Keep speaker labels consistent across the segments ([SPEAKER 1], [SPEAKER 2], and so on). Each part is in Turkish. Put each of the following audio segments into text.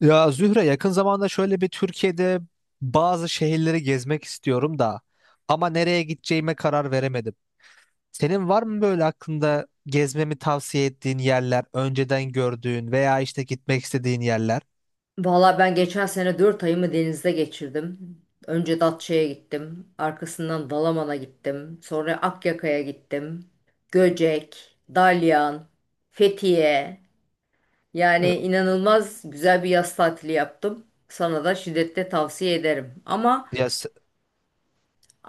[SPEAKER 1] Ya Zühre yakın zamanda şöyle bir Türkiye'de bazı şehirleri gezmek istiyorum da ama nereye gideceğime karar veremedim. Senin var mı böyle aklında gezmemi tavsiye ettiğin yerler, önceden gördüğün veya işte gitmek istediğin yerler?
[SPEAKER 2] Valla ben geçen sene 4 ayımı denizde geçirdim. Önce Datça'ya gittim. Arkasından Dalaman'a gittim. Sonra Akyaka'ya gittim. Göcek, Dalyan, Fethiye. Yani
[SPEAKER 1] E,
[SPEAKER 2] inanılmaz güzel bir yaz tatili yaptım. Sana da şiddetle tavsiye ederim. Ama
[SPEAKER 1] Ya, s-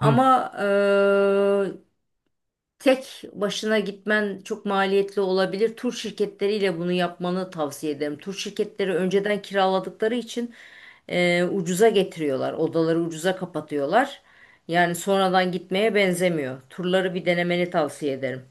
[SPEAKER 1] Hı.
[SPEAKER 2] Tek başına gitmen çok maliyetli olabilir. Tur şirketleriyle bunu yapmanı tavsiye ederim. Tur şirketleri önceden kiraladıkları için ucuza getiriyorlar. Odaları ucuza kapatıyorlar. Yani sonradan gitmeye benzemiyor. Turları bir denemeni tavsiye ederim.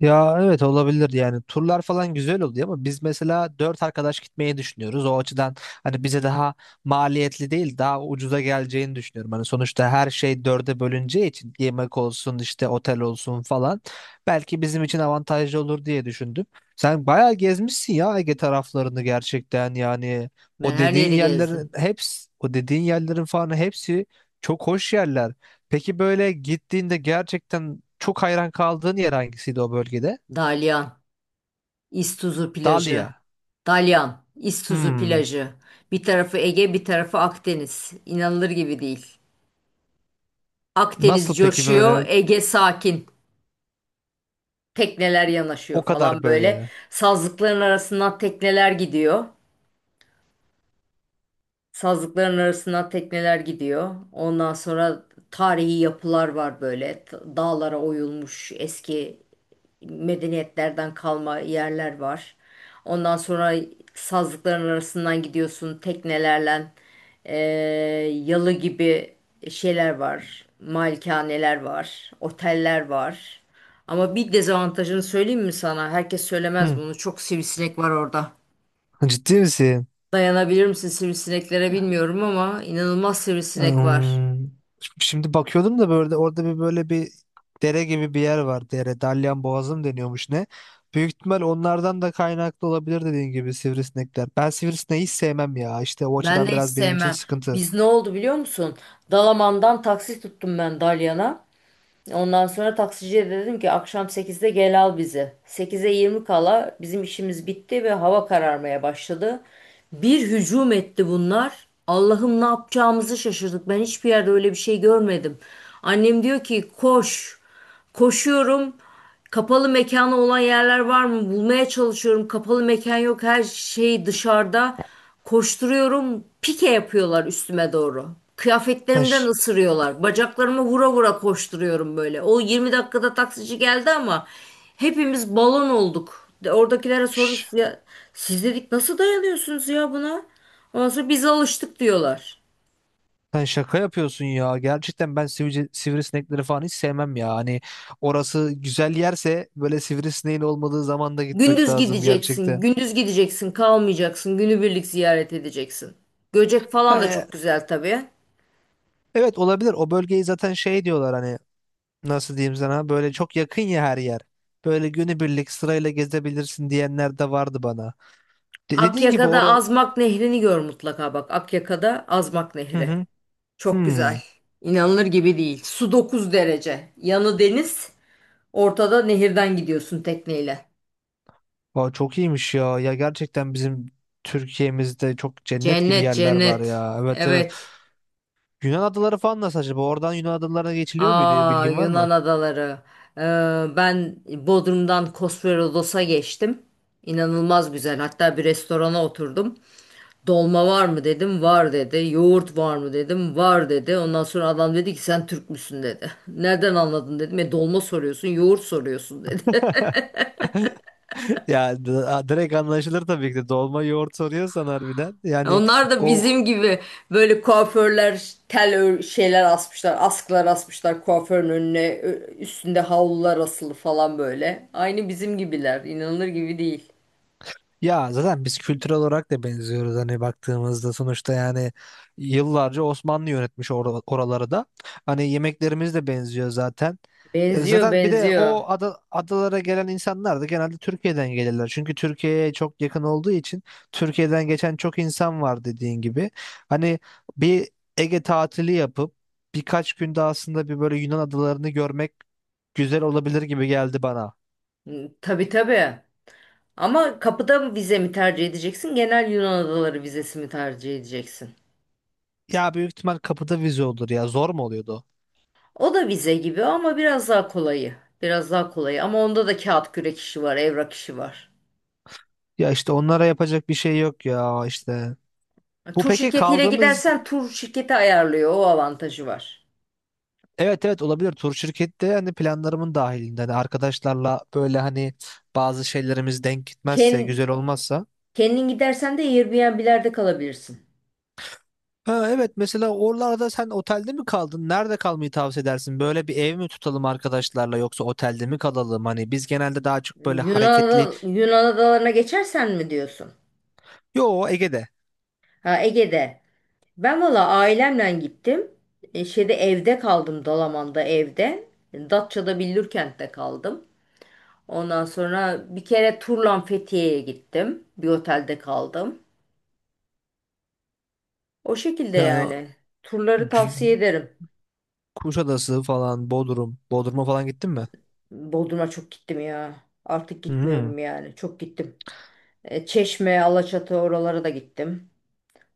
[SPEAKER 1] Ya evet olabilir yani turlar falan güzel oluyor ama biz mesela dört arkadaş gitmeyi düşünüyoruz. O açıdan hani bize daha maliyetli değil daha ucuza geleceğini düşünüyorum. Hani sonuçta her şey dörde bölüneceği için yemek olsun işte otel olsun falan belki bizim için avantajlı olur diye düşündüm. Sen bayağı gezmişsin ya Ege taraflarını gerçekten yani
[SPEAKER 2] Ben her yeri gezdim.
[SPEAKER 1] o dediğin yerlerin falan hepsi çok hoş yerler. Peki böyle gittiğinde gerçekten çok hayran kaldığın yer hangisiydi o bölgede?
[SPEAKER 2] Dalyan, İztuzu plajı,
[SPEAKER 1] Dalia.
[SPEAKER 2] Dalyan, İztuzu
[SPEAKER 1] Hmm.
[SPEAKER 2] plajı. Bir tarafı Ege, bir tarafı Akdeniz. İnanılır gibi değil. Akdeniz
[SPEAKER 1] Nasıl peki
[SPEAKER 2] coşuyor,
[SPEAKER 1] böyle
[SPEAKER 2] Ege sakin. Tekneler yanaşıyor
[SPEAKER 1] o kadar
[SPEAKER 2] falan böyle.
[SPEAKER 1] böyle?
[SPEAKER 2] Sazlıkların arasından tekneler gidiyor. Sazlıkların arasına tekneler gidiyor. Ondan sonra tarihi yapılar var böyle. Dağlara oyulmuş eski medeniyetlerden kalma yerler var. Ondan sonra sazlıkların arasından gidiyorsun teknelerle. Ee, yalı gibi şeyler var. Malikaneler var. Oteller var. Ama bir dezavantajını söyleyeyim mi sana? Herkes söylemez
[SPEAKER 1] Hmm.
[SPEAKER 2] bunu. Çok sivrisinek var orada.
[SPEAKER 1] Ciddi misin?
[SPEAKER 2] Dayanabilir misin sivrisineklere bilmiyorum ama inanılmaz sivrisinek var.
[SPEAKER 1] Hmm. Şimdi bakıyordum da böyle orada bir böyle bir dere gibi bir yer var. Dere. Dalyan Boğazı mı deniyormuş ne? Büyük ihtimal onlardan da kaynaklı olabilir dediğin gibi sivrisinekler. Ben sivrisineği hiç sevmem ya. İşte o
[SPEAKER 2] Ben
[SPEAKER 1] açıdan
[SPEAKER 2] de hiç
[SPEAKER 1] biraz benim için
[SPEAKER 2] sevmem.
[SPEAKER 1] sıkıntı.
[SPEAKER 2] Biz ne oldu biliyor musun? Dalaman'dan taksi tuttum ben Dalyan'a. Ondan sonra taksiciye de dedim ki akşam 8'de gel al bizi. 8'e 20 kala bizim işimiz bitti ve hava kararmaya başladı. Bir hücum etti bunlar. Allah'ım ne yapacağımızı şaşırdık. Ben hiçbir yerde öyle bir şey görmedim. Annem diyor ki koş. Koşuyorum. Kapalı mekanı olan yerler var mı? Bulmaya çalışıyorum. Kapalı mekan yok. Her şey dışarıda. Koşturuyorum. Pike yapıyorlar üstüme doğru.
[SPEAKER 1] Sen
[SPEAKER 2] Kıyafetlerimden
[SPEAKER 1] ş-
[SPEAKER 2] ısırıyorlar. Bacaklarımı vura vura koşturuyorum böyle. O 20 dakikada taksici geldi ama hepimiz balon olduk. Oradakilere sorduk.
[SPEAKER 1] ş-
[SPEAKER 2] Ya, siz dedik nasıl dayanıyorsunuz ya buna? Ondan sonra biz alıştık diyorlar.
[SPEAKER 1] Sen şaka yapıyorsun ya. Gerçekten ben sivrisinekleri falan hiç sevmem ya. Hani orası güzel yerse böyle sivrisineğin olmadığı zaman da gitmek
[SPEAKER 2] Gündüz
[SPEAKER 1] lazım
[SPEAKER 2] gideceksin,
[SPEAKER 1] gerçekten.
[SPEAKER 2] gündüz gideceksin, kalmayacaksın, günübirlik ziyaret edeceksin. Göcek falan
[SPEAKER 1] Ha,
[SPEAKER 2] da çok güzel tabii.
[SPEAKER 1] evet olabilir. O bölgeyi zaten şey diyorlar hani nasıl diyeyim sana böyle çok yakın ya her yer. Böyle günübirlik sırayla gezebilirsin diyenler de vardı bana. De- dediğin gibi
[SPEAKER 2] Akyaka'da
[SPEAKER 1] or
[SPEAKER 2] Azmak Nehri'ni gör mutlaka bak. Akyaka'da Azmak
[SPEAKER 1] Hı
[SPEAKER 2] Nehri.
[SPEAKER 1] hı.
[SPEAKER 2] Çok güzel.
[SPEAKER 1] Hmm.
[SPEAKER 2] İnanılır gibi değil. Su 9 derece. Yanı deniz, ortada nehirden gidiyorsun tekneyle.
[SPEAKER 1] Aa, çok iyiymiş ya. Ya gerçekten bizim Türkiye'mizde çok cennet gibi
[SPEAKER 2] Cennet,
[SPEAKER 1] yerler var
[SPEAKER 2] cennet.
[SPEAKER 1] ya. Evet, evet.
[SPEAKER 2] Evet.
[SPEAKER 1] Yunan adaları falan nasıl acaba? Oradan Yunan adalarına geçiliyor muydu?
[SPEAKER 2] Aa
[SPEAKER 1] Bilgin var
[SPEAKER 2] Yunan
[SPEAKER 1] mı?
[SPEAKER 2] adaları. Ee, ben Bodrum'dan Kosperodos'a geçtim. İnanılmaz güzel. Hatta bir restorana oturdum. Dolma var mı dedim, var dedi. Yoğurt var mı dedim, var dedi. Ondan sonra adam dedi ki sen Türk müsün dedi. Nereden anladın dedim. E dolma soruyorsun, yoğurt soruyorsun dedi.
[SPEAKER 1] Ya direkt anlaşılır tabii ki de. Dolma yoğurt soruyorsan harbiden. Yani
[SPEAKER 2] Onlar da
[SPEAKER 1] o
[SPEAKER 2] bizim gibi böyle kuaförler, tel şeyler asmışlar. Askılar asmışlar kuaförün önüne. Üstünde havlular asılı falan böyle. Aynı bizim gibiler. İnanılır gibi değil.
[SPEAKER 1] Ya zaten biz kültürel olarak da benziyoruz hani baktığımızda sonuçta yani yıllarca Osmanlı yönetmiş oraları da. Hani yemeklerimiz de benziyor zaten.
[SPEAKER 2] Benziyor,
[SPEAKER 1] Zaten bir de
[SPEAKER 2] benziyor.
[SPEAKER 1] o adalara gelen insanlar da genelde Türkiye'den gelirler. Çünkü Türkiye'ye çok yakın olduğu için Türkiye'den geçen çok insan var dediğin gibi. Hani bir Ege tatili yapıp birkaç günde aslında bir böyle Yunan adalarını görmek güzel olabilir gibi geldi bana.
[SPEAKER 2] Hı, tabii tabii. Ama kapıda mı vize mi tercih edeceksin? Genel Yunan adaları vizesi mi tercih edeceksin?
[SPEAKER 1] Ya büyük ihtimal kapıda vize olur ya. Zor mu oluyordu?
[SPEAKER 2] O da vize gibi ama biraz daha kolayı. Biraz daha kolayı ama onda da kağıt kürek işi var, evrak işi var.
[SPEAKER 1] Ya işte onlara yapacak bir şey yok ya işte. Bu
[SPEAKER 2] Tur
[SPEAKER 1] peki
[SPEAKER 2] şirketiyle
[SPEAKER 1] kaldığımız
[SPEAKER 2] gidersen tur şirketi ayarlıyor. O avantajı var.
[SPEAKER 1] Evet, evet, olabilir tur şirkette hani planlarımın dahilinde hani arkadaşlarla böyle hani bazı şeylerimiz denk gitmezse
[SPEAKER 2] Ken-
[SPEAKER 1] güzel olmazsa.
[SPEAKER 2] kendin gidersen de Airbnb'lerde kalabilirsin.
[SPEAKER 1] Ha, evet mesela oralarda sen otelde mi kaldın? Nerede kalmayı tavsiye edersin? Böyle bir ev mi tutalım arkadaşlarla yoksa otelde mi kalalım? Hani biz genelde daha çok böyle hareketli.
[SPEAKER 2] Yunan adalarına geçersen mi diyorsun?
[SPEAKER 1] Yo, Ege'de.
[SPEAKER 2] Ha, Ege'de. Ben valla ailemle gittim. Şeyde evde kaldım, Dalaman'da evde. Datça'da Billurkent'te kaldım. Ondan sonra bir kere turla Fethiye'ye gittim. Bir otelde kaldım. O şekilde
[SPEAKER 1] Yani
[SPEAKER 2] yani. Turları tavsiye ederim.
[SPEAKER 1] Kuşadası falan Bodrum. Bodrum'a falan gittin mi?
[SPEAKER 2] Bodrum'a çok gittim ya. Artık
[SPEAKER 1] Hı hı.
[SPEAKER 2] gitmiyorum yani. Çok gittim. Çeşme, Alaçatı, oralara da gittim.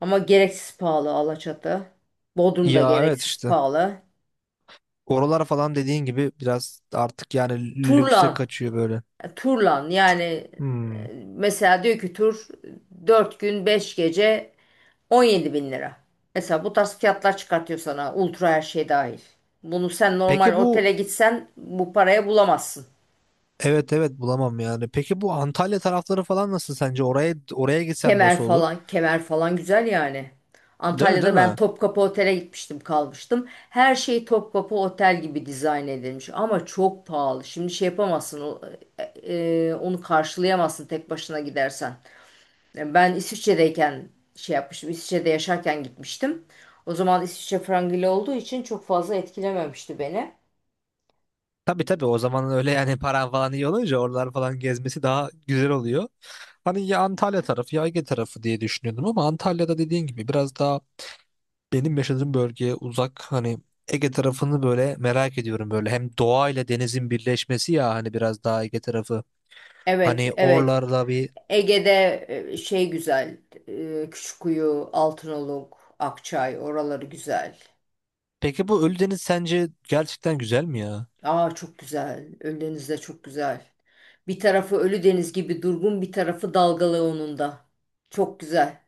[SPEAKER 2] Ama gereksiz pahalı Alaçatı. Bodrum da
[SPEAKER 1] Ya evet
[SPEAKER 2] gereksiz
[SPEAKER 1] işte.
[SPEAKER 2] pahalı.
[SPEAKER 1] Oralar falan dediğin gibi biraz artık yani lükse
[SPEAKER 2] Turlan.
[SPEAKER 1] kaçıyor böyle.
[SPEAKER 2] Turlan yani,
[SPEAKER 1] Hmm.
[SPEAKER 2] mesela diyor ki tur 4 gün 5 gece 17 bin lira. Mesela bu tarz fiyatlar çıkartıyor sana, ultra her şey dahil. Bunu sen normal
[SPEAKER 1] Peki bu
[SPEAKER 2] otele gitsen bu paraya bulamazsın.
[SPEAKER 1] Evet, evet, bulamam yani. Peki bu Antalya tarafları falan nasıl sence? Oraya gitsem
[SPEAKER 2] Kemer
[SPEAKER 1] nasıl olur?
[SPEAKER 2] falan, kemer falan güzel yani.
[SPEAKER 1] Değil mi, değil
[SPEAKER 2] Antalya'da ben
[SPEAKER 1] mi?
[SPEAKER 2] Topkapı Otel'e gitmiştim, kalmıştım. Her şey Topkapı Otel gibi dizayn edilmiş ama çok pahalı. Şimdi şey yapamazsın, e, onu karşılayamazsın tek başına gidersen. Yani ben İsviçre'deyken şey yapmıştım, İsviçre'de yaşarken gitmiştim. O zaman İsviçre frangili olduğu için çok fazla etkilememişti beni.
[SPEAKER 1] Tabii, tabii, o zaman öyle yani paran falan iyi olunca oralar falan gezmesi daha güzel oluyor. Hani ya Antalya tarafı ya Ege tarafı diye düşünüyordum ama Antalya'da dediğin gibi biraz daha benim yaşadığım bölgeye uzak hani Ege tarafını böyle merak ediyorum böyle. Hem doğa ile denizin birleşmesi ya hani biraz daha Ege tarafı.
[SPEAKER 2] Evet,
[SPEAKER 1] Hani
[SPEAKER 2] evet.
[SPEAKER 1] oralarda bir.
[SPEAKER 2] Ege'de şey güzel, Küçükkuyu, Altınoluk, Akçay, oraları güzel.
[SPEAKER 1] Peki bu Ölüdeniz sence gerçekten güzel mi ya?
[SPEAKER 2] Aa, çok güzel. Ölüdeniz de çok güzel. Bir tarafı Ölüdeniz gibi durgun, bir tarafı dalgalı onun da. Çok güzel.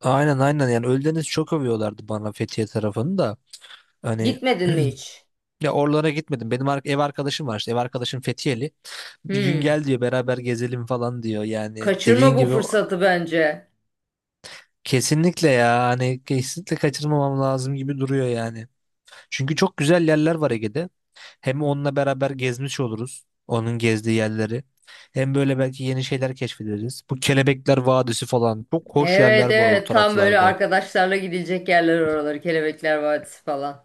[SPEAKER 1] Aynen, aynen, yani Ölüdeniz çok övüyorlardı bana Fethiye tarafını da. Hani
[SPEAKER 2] Gitmedin mi hiç?
[SPEAKER 1] ya oralara gitmedim. Benim ev arkadaşım var işte ev arkadaşım Fethiyeli. Bir gün
[SPEAKER 2] Hmm.
[SPEAKER 1] gel diyor beraber gezelim falan diyor. Yani
[SPEAKER 2] Kaçırma
[SPEAKER 1] dediğin
[SPEAKER 2] bu
[SPEAKER 1] gibi
[SPEAKER 2] fırsatı bence.
[SPEAKER 1] kesinlikle ya hani kesinlikle kaçırmamam lazım gibi duruyor yani. Çünkü çok güzel yerler var Ege'de. Hem onunla beraber gezmiş oluruz. Onun gezdiği yerleri. Hem böyle belki yeni şeyler keşfederiz. Bu Kelebekler Vadisi falan. Çok hoş yerler
[SPEAKER 2] Evet,
[SPEAKER 1] var o
[SPEAKER 2] evet, tam böyle
[SPEAKER 1] taraflarda.
[SPEAKER 2] arkadaşlarla gidilecek yerler oraları. Kelebekler Vadisi falan.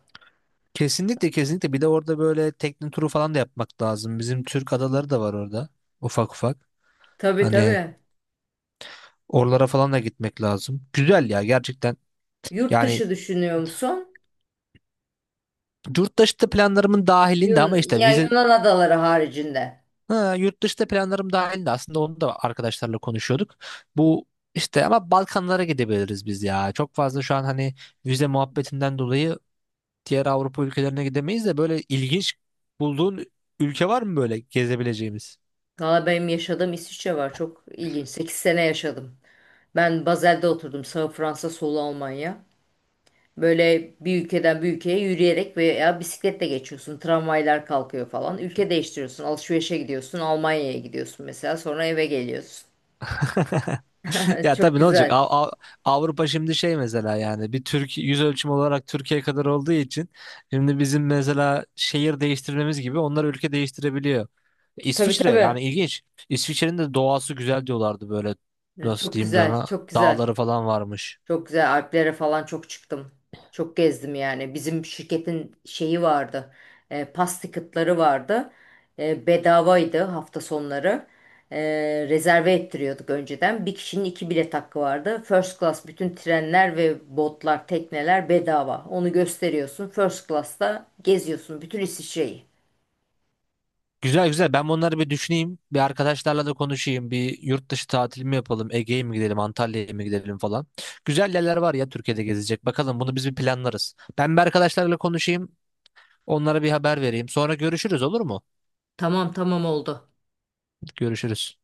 [SPEAKER 1] Kesinlikle, kesinlikle. Bir de orada böyle tekne turu falan da yapmak lazım. Bizim Türk adaları da var orada. Ufak ufak.
[SPEAKER 2] Tabii,
[SPEAKER 1] Hani
[SPEAKER 2] tabii.
[SPEAKER 1] oralara falan da gitmek lazım. Güzel ya gerçekten.
[SPEAKER 2] Yurt
[SPEAKER 1] Yani
[SPEAKER 2] dışı düşünüyor musun?
[SPEAKER 1] yurt dışı da planlarımın dahilinde ama
[SPEAKER 2] Yun
[SPEAKER 1] işte
[SPEAKER 2] ya
[SPEAKER 1] vize.
[SPEAKER 2] Yunan adaları haricinde.
[SPEAKER 1] Ha, yurt dışında planlarım dahildi aslında onu da arkadaşlarla konuşuyorduk. Bu işte ama Balkanlara gidebiliriz biz ya. Çok fazla şu an hani vize muhabbetinden dolayı diğer Avrupa ülkelerine gidemeyiz de böyle ilginç bulduğun ülke var mı böyle gezebileceğimiz?
[SPEAKER 2] Valla benim yaşadığım İsviçre var. Çok ilginç. 8 sene yaşadım. Ben Basel'de oturdum. Sağ Fransa, solu Almanya. Böyle bir ülkeden bir ülkeye yürüyerek veya bisikletle geçiyorsun. Tramvaylar kalkıyor falan. Ülke değiştiriyorsun. Alışverişe gidiyorsun. Almanya'ya gidiyorsun mesela. Sonra eve geliyorsun.
[SPEAKER 1] Ya
[SPEAKER 2] Çok
[SPEAKER 1] tabii ne olacak?
[SPEAKER 2] güzel.
[SPEAKER 1] Avrupa şimdi şey mesela yani bir Türkiye yüz ölçümü olarak Türkiye kadar olduğu için şimdi bizim mesela şehir değiştirmemiz gibi onlar ülke değiştirebiliyor.
[SPEAKER 2] Tabii,
[SPEAKER 1] İsviçre
[SPEAKER 2] tabii.
[SPEAKER 1] yani ilginç. İsviçre'nin de doğası güzel diyorlardı böyle nasıl
[SPEAKER 2] Çok
[SPEAKER 1] diyeyim
[SPEAKER 2] güzel.
[SPEAKER 1] sana
[SPEAKER 2] Çok güzel.
[SPEAKER 1] dağları falan varmış.
[SPEAKER 2] Çok güzel, Alplere falan çok çıktım. Çok gezdim yani. Bizim şirketin şeyi vardı. Pas ticket'ları vardı. Bedavaydı hafta sonları. E, rezerve ettiriyorduk önceden. Bir kişinin iki bilet hakkı vardı. First class bütün trenler ve botlar, tekneler bedava. Onu gösteriyorsun. First class'ta geziyorsun bütün İsviçre'yi.
[SPEAKER 1] Güzel, güzel. Ben bunları bir düşüneyim. Bir arkadaşlarla da konuşayım. Bir yurt dışı tatil mi yapalım? Ege'ye mi gidelim? Antalya'ya mı gidelim falan. Güzel yerler var ya Türkiye'de gezecek. Bakalım bunu biz bir planlarız. Ben bir arkadaşlarla konuşayım. Onlara bir haber vereyim. Sonra görüşürüz olur mu?
[SPEAKER 2] Tamam, tamam, oldu.
[SPEAKER 1] Görüşürüz.